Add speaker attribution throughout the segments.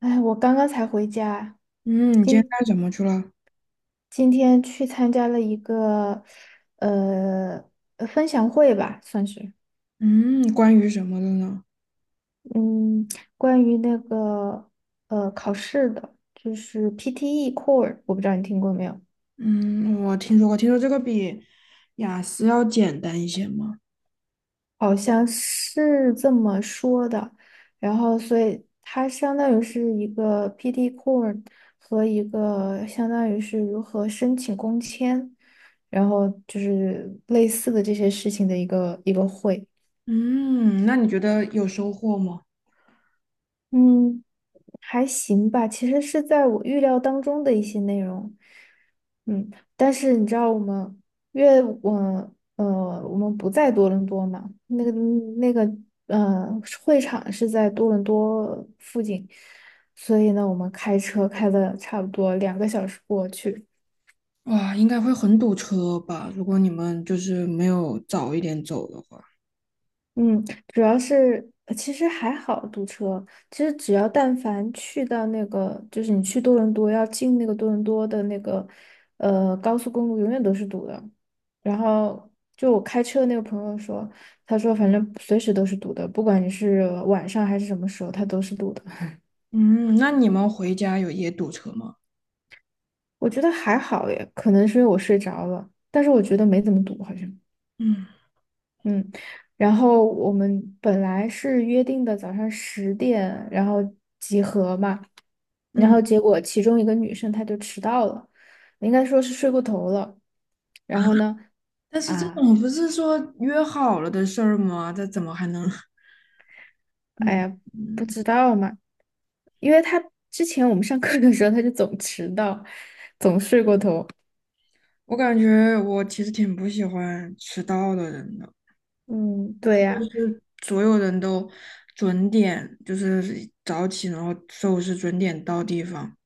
Speaker 1: 哎，我刚刚才回家，
Speaker 2: 嗯，你今天
Speaker 1: 今
Speaker 2: 干什么去了？
Speaker 1: 今天去参加了一个呃分享会吧，算是，
Speaker 2: 嗯，关于什么的呢？
Speaker 1: 嗯，关于那个考试的，就是 PTE Core，我不知道你听过没有，
Speaker 2: 嗯，我听说过，听说这个比雅思要简单一些吗？
Speaker 1: 好像是这么说的。然后，所以它相当于是一个 PTE Core 和一个相当于是如何申请工签，然后就是类似的这些事情的一个会。
Speaker 2: 嗯，那你觉得有收获吗？
Speaker 1: 嗯，还行吧，其实是在我预料当中的一些内容。嗯，但是你知道我们，因为我呃，我们不在多伦多嘛，那个呃，会场是在多伦多附近，所以呢，我们开车开了差不多2个小时过去。
Speaker 2: 哇，应该会很堵车吧？如果你们就是没有早一点走的话。
Speaker 1: 嗯，主要是其实还好堵车，其实只要但凡去到那个，就是你去多伦多要进那个多伦多的那个高速公路，永远都是堵的。然后就我开车的那个朋友说，他说反正随时都是堵的，不管你是晚上还是什么时候，它都是堵的。
Speaker 2: 嗯，那你们回家有也堵车吗？
Speaker 1: 我觉得还好耶，可能是因为我睡着了，但是我觉得没怎么堵，好像。
Speaker 2: 嗯
Speaker 1: 嗯，然后我们本来是约定的早上10点，然后集合嘛，然
Speaker 2: 嗯，
Speaker 1: 后结果其中一个女生她就迟到了，应该说是睡过头了。然后呢，
Speaker 2: 但是这
Speaker 1: 啊，
Speaker 2: 种不是说约好了的事儿吗？这怎么还能？
Speaker 1: 哎
Speaker 2: 嗯
Speaker 1: 呀，不
Speaker 2: 嗯，
Speaker 1: 知道嘛，因为她之前我们上课的时候她就总迟到，总睡过头。
Speaker 2: 我感觉我其实挺不喜欢迟到的人的。
Speaker 1: 嗯，对呀，
Speaker 2: 就所有人都准点，就是早起，然后收拾准点到地方，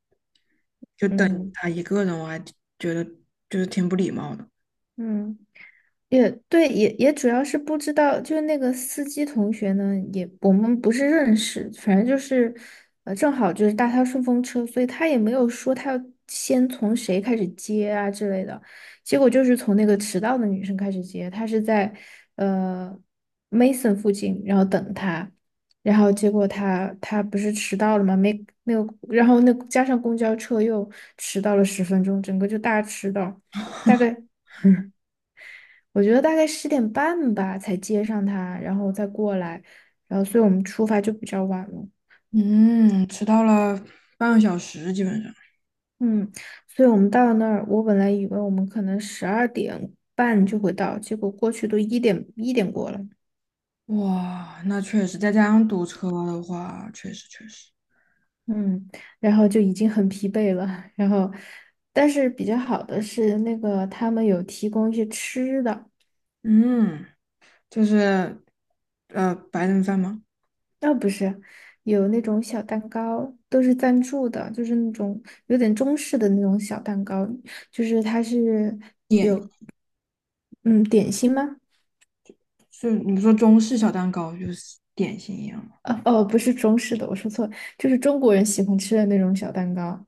Speaker 2: 就等
Speaker 1: 嗯
Speaker 2: 他一个人，我还觉得就是挺不礼貌的。
Speaker 1: 嗯。也对，也主要是不知道，就是那个司机同学呢，也我们不是认识，反正就是，正好就是搭他顺风车，所以他也没有说他要先从谁开始接啊之类的，结果就是从那个迟到的女生开始接，他是在呃 Mason 附近，然后等他，然后结果他不是迟到了吗？没有，然后那加上公交车又迟到了10分钟，整个就大迟到，大概。我觉得大概10点半吧才接上他，然后再过来，然后所以我们出发就比较晚了。
Speaker 2: 嗯，迟到了半个小时，基本上。
Speaker 1: 嗯，所以我们到那儿，我本来以为我们可能12点半就会到，结果过去都一点一点过了。
Speaker 2: 哇，那确实，再加上堵车的话，确实确实。
Speaker 1: 嗯，然后就已经很疲惫了。然后，但是比较好的是那个他们有提供一些吃的，
Speaker 2: 嗯，就是白人饭吗？
Speaker 1: 啊、不是，有那种小蛋糕，都是赞助的，就是那种有点中式的那种小蛋糕。就是它是
Speaker 2: 点
Speaker 1: 嗯，点心吗？
Speaker 2: 是你说中式小蛋糕就是点心一样吗？
Speaker 1: 哦哦，不是中式的，我说错了，就是中国人喜欢吃的那种小蛋糕，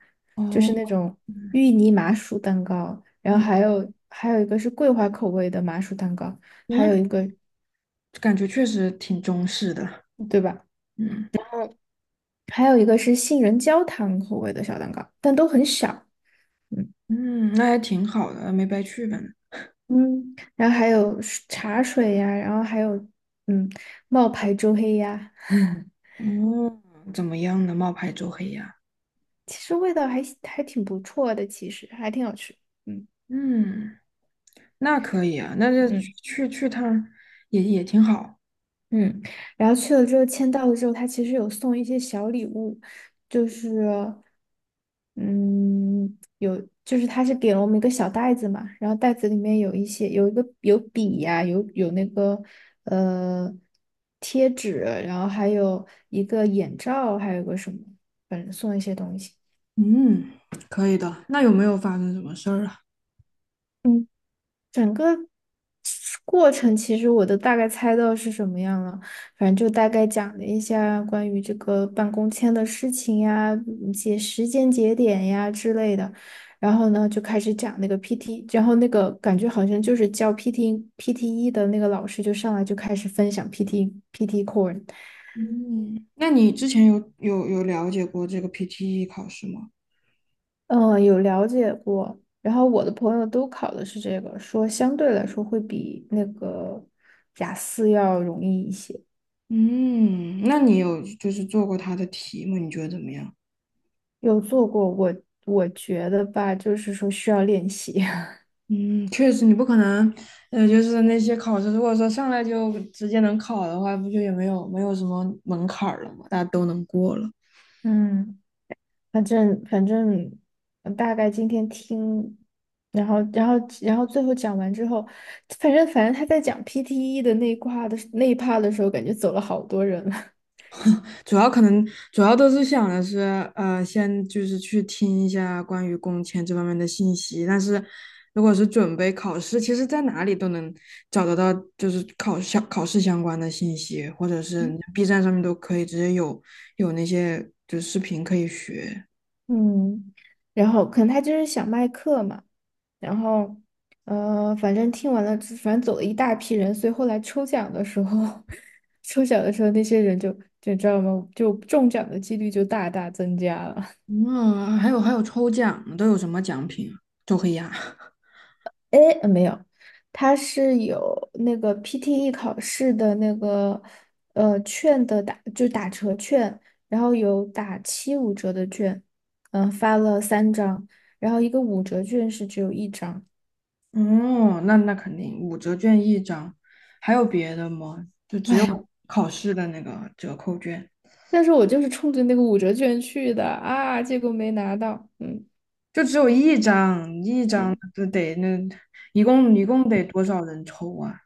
Speaker 1: 就是那
Speaker 2: 哦，
Speaker 1: 种芋泥麻薯蛋糕，然后
Speaker 2: 嗯，
Speaker 1: 还有一个是桂花口味的麻薯蛋糕，还有一
Speaker 2: 那
Speaker 1: 个，
Speaker 2: 感觉确实挺中式的。
Speaker 1: 对吧？
Speaker 2: 嗯。
Speaker 1: 还有一个是杏仁焦糖口味的小蛋糕，但都很小。嗯
Speaker 2: 嗯，那还挺好的，没白去呗。
Speaker 1: 嗯，然后还有茶水呀，然后还有嗯冒牌周黑鸭，
Speaker 2: 哦，怎么样呢？冒牌周黑鸭。
Speaker 1: 其实味道还挺不错的，其实还挺好吃。嗯。
Speaker 2: 嗯，那可以啊，那就去
Speaker 1: 嗯。
Speaker 2: 去去趟儿也也挺好。
Speaker 1: 嗯，然后去了之后签到了之后，他其实有送一些小礼物，就是嗯，有就是他是给了我们一个小袋子嘛，然后袋子里面有一些有一个有笔呀、有那个呃贴纸，然后还有一个眼罩，还有个什么，反正送了一些东西。
Speaker 2: 嗯，可以的。那有没有发生什么事儿啊？
Speaker 1: 嗯。整个过程其实我都大概猜到是什么样了，反正就大概讲了一下关于这个办公签的事情呀，一些时间节点呀之类的。然后呢，就开始讲那个 PT，然后那个感觉好像就是教 PT PTE 的那个老师就上来就开始分享 PT PT Core，
Speaker 2: 嗯，那你之前有了解过这个 PTE 考试吗？
Speaker 1: 嗯，有了解过。然后我的朋友都考的是这个，说相对来说会比那个雅思要容易一些。
Speaker 2: 嗯，那你有就是做过它的题吗？你觉得怎么样？
Speaker 1: 有做过，我觉得吧，就是说需要练习。
Speaker 2: 嗯，确实，你不可能，就是那些考试，如果说上来就直接能考的话，不就也没有什么门槛儿了嘛，大家都能过了。
Speaker 1: 嗯反正大概今天听，然后然后然后最后讲完之后，反正他在讲 PTE 的那一块的那一 part 的时候，感觉走了好多人了。
Speaker 2: 主要可能主要都是想的是，先就是去听一下关于工签这方面的信息。但是如果是准备考试，其实在哪里都能找得到，就是考试相关的信息，或者是 B 站上面都可以直接有有那些就视频可以学。
Speaker 1: 嗯，然后可能他就是想卖课嘛，然后反正听完了之反正走了一大批人，所以后来抽奖的时候，抽奖的时候那些人就你知道吗？就中奖的几率就大大增加了。
Speaker 2: 嗯，还有还有抽奖呢，都有什么奖品啊周黑鸭。
Speaker 1: 哎，没有，他是有那个 PTE 考试的那个券的打，就打折券，然后有打75折的券，发了3张，然后一个五折券是只有一张。
Speaker 2: 哦，那那肯定五折券一张，还有别的吗？就 只有
Speaker 1: 哎，
Speaker 2: 考试的那个折扣券，
Speaker 1: 但是我就是冲着那个五折券去的啊，结果没拿到。嗯
Speaker 2: 就只有一张，一张
Speaker 1: 嗯，
Speaker 2: 就得那一共得多少人抽啊？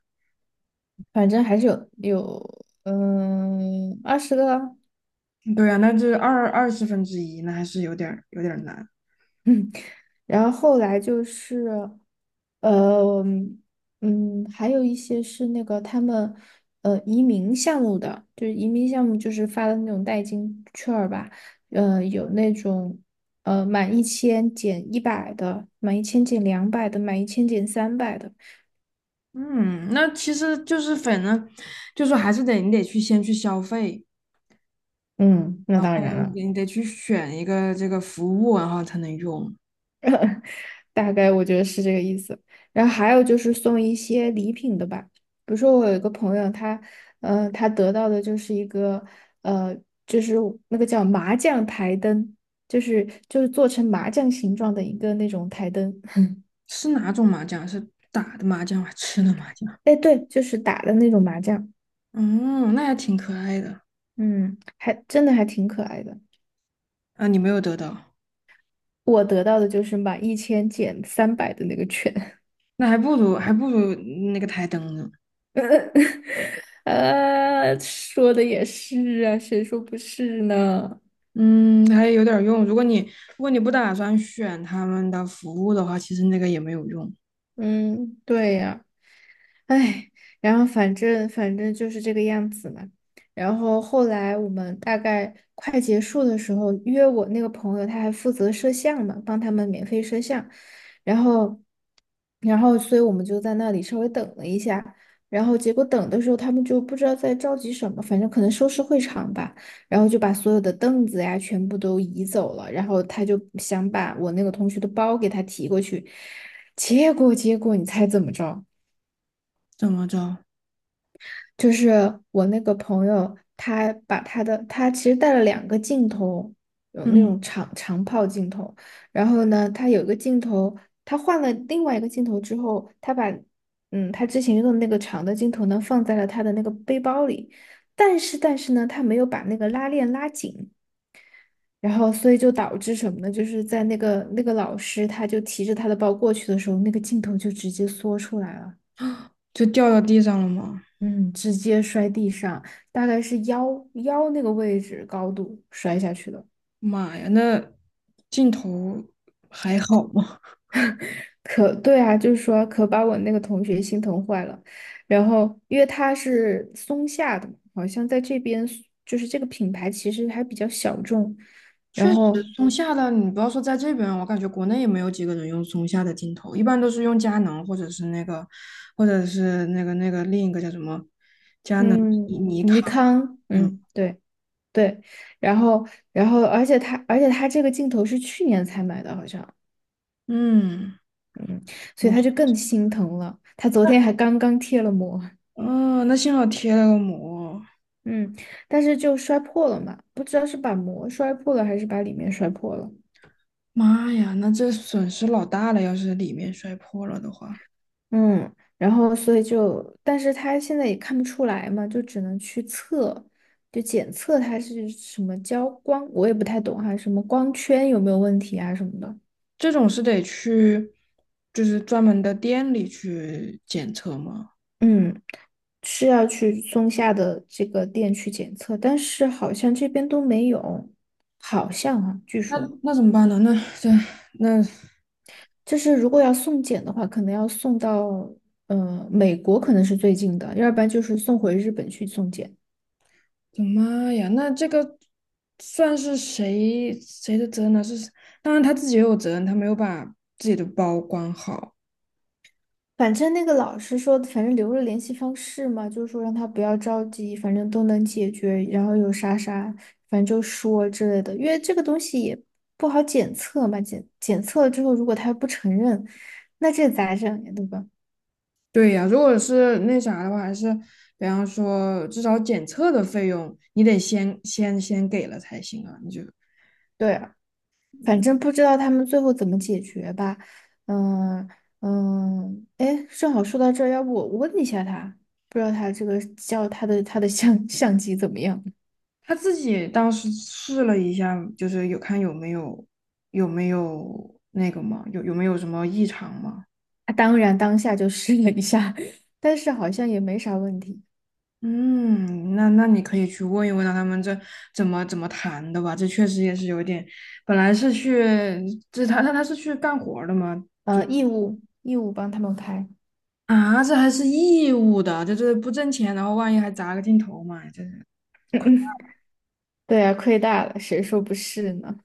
Speaker 1: 反正还是有20个，
Speaker 2: 对啊，那这二十分之一，那还是有点儿难。
Speaker 1: 嗯，然后后来就是呃还有一些是那个他们移民项目的，就是移民项目就是发的那种代金券儿吧，有那种。呃，满1000减100的，满1000减200的，满一千减三百的。
Speaker 2: 嗯，那其实就是反正就是还是得你得去先去消费，
Speaker 1: 嗯，那
Speaker 2: 然
Speaker 1: 当
Speaker 2: 后
Speaker 1: 然了。
Speaker 2: 你得去选一个这个服务，然后才能用。
Speaker 1: 大概我觉得是这个意思。然后还有就是送一些礼品的吧，比如说我有一个朋友，他得到的就是一个，呃，就是那个叫麻将台灯，就是做成麻将形状的一个那种台灯。
Speaker 2: 是哪种麻将？是打的麻将还是吃的麻将？
Speaker 1: 哎，对，就是打的那种麻将，
Speaker 2: 嗯，那还挺可爱的
Speaker 1: 嗯，还真的还挺可爱的。
Speaker 2: 啊！你没有得到，
Speaker 1: 我得到的就是满一千减三百的那个券，
Speaker 2: 那还不如那个台灯呢。
Speaker 1: 说的也是啊，谁说不是呢？
Speaker 2: 嗯，还有点用。如果你不打算选他们的服务的话，其实那个也没有用。
Speaker 1: 嗯，对呀。哎，然后反正就是这个样子嘛。然后后来我们大概快结束的时候，约我那个朋友，他还负责摄像嘛，帮他们免费摄像。然后，然后，所以我们就在那里稍微等了一下。然后结果等的时候，他们就不知道在着急什么，反正可能收拾会场吧。然后就把所有的凳子呀全部都移走了。然后他就想把我那个同学的包给他提过去，结果你猜怎么着？
Speaker 2: 怎么着？
Speaker 1: 就是我那个朋友，他把他的他其实带了2个镜头，有那
Speaker 2: 嗯，
Speaker 1: 种长炮镜头，然后呢，他有一个镜头，他换了另外一个镜头之后，他把他之前用的那个长的镜头呢放在了他的那个背包里，但是呢，他没有把那个拉链拉紧。然后，所以就导致什么呢？就是在那个老师，他就提着他的包过去的时候，那个镜头就直接缩出来了。
Speaker 2: 就掉到地上了吗？
Speaker 1: 嗯，直接摔地上，大概是腰那个位置高度摔下去的。
Speaker 2: 妈呀，那镜头还好吗？
Speaker 1: 可对啊，就是说可把我那个同学心疼坏了。然后因为他是松下的嘛，好像在这边就是这个品牌其实还比较小众。
Speaker 2: 确
Speaker 1: 然
Speaker 2: 实，
Speaker 1: 后
Speaker 2: 松下的你不要说在这边，我感觉国内也没有几个人用松下的镜头，一般都是用佳能或者是那个，或者是那个另一个叫什么，佳能、
Speaker 1: 嗯，
Speaker 2: 尼康，
Speaker 1: 尼康，
Speaker 2: 嗯
Speaker 1: 嗯，对对，然后然后而且他这个镜头是去年才买的，好像，
Speaker 2: 嗯，
Speaker 1: 嗯，所以
Speaker 2: 那
Speaker 1: 他就更心疼了。他昨天还刚刚贴了膜。
Speaker 2: 嗯，哦那幸好贴了个膜，
Speaker 1: 嗯，但是就摔破了嘛，不知道是把膜摔破了还是把里面摔破了。
Speaker 2: 妈呀，那这损失老大了，要是里面摔破了的话，
Speaker 1: 嗯，然后所以就，但是他现在也看不出来嘛，就只能去测，就检测它是什么焦光，我也不太懂哈，什么光圈有没有问题啊什么的。
Speaker 2: 这种是得去就是专门的店里去检测吗？
Speaker 1: 嗯，是要去松下的这个店去检测，但是好像这边都没有，好像啊，据
Speaker 2: 那
Speaker 1: 说。
Speaker 2: 那怎么办呢？那这那
Speaker 1: 就是如果要送检的话，可能要送到美国，可能是最近的，要不然就是送回日本去送检。
Speaker 2: 的妈呀，那这个算是谁的责任呢？是，当然他自己也有责任，他没有把自己的包管好。
Speaker 1: 反正那个老师说，反正留了联系方式嘛，就是说让他不要着急，反正都能解决。然后有啥啥，反正就说之类的，因为这个东西也不好检测嘛，检测了之后，如果他不承认，那这咋整呀，对吧？
Speaker 2: 对呀，如果是那啥的话，还是比方说至少检测的费用，你得先给了才行啊。你就
Speaker 1: 对啊，反正不知道他们最后怎么解决吧。嗯嗯，哎，正好说到这儿，要不我问一下他，不知道他这个叫他的相机怎么样？
Speaker 2: 他自己当时试了一下，就是有看有没有有没有那个嘛，有没有什么异常嘛。
Speaker 1: 他当然当下就试了一下，但是好像也没啥问题。
Speaker 2: 嗯，那那你可以去问一问啊他们这怎么怎么谈的吧，这确实也是有点，本来是去，这他是去干活儿的吗？
Speaker 1: 义务帮他们拍。
Speaker 2: 啊，这还是义务的，这这不挣钱，然后万一还砸个镜头嘛，这是，
Speaker 1: 对啊，亏大了，谁说不是呢？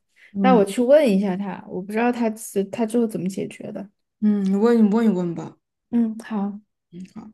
Speaker 1: 那
Speaker 2: 嗯
Speaker 1: 我去问一下他，我不知道他最后怎么解决的。
Speaker 2: 嗯，你问你问一问吧，
Speaker 1: 嗯，好。
Speaker 2: 嗯，好。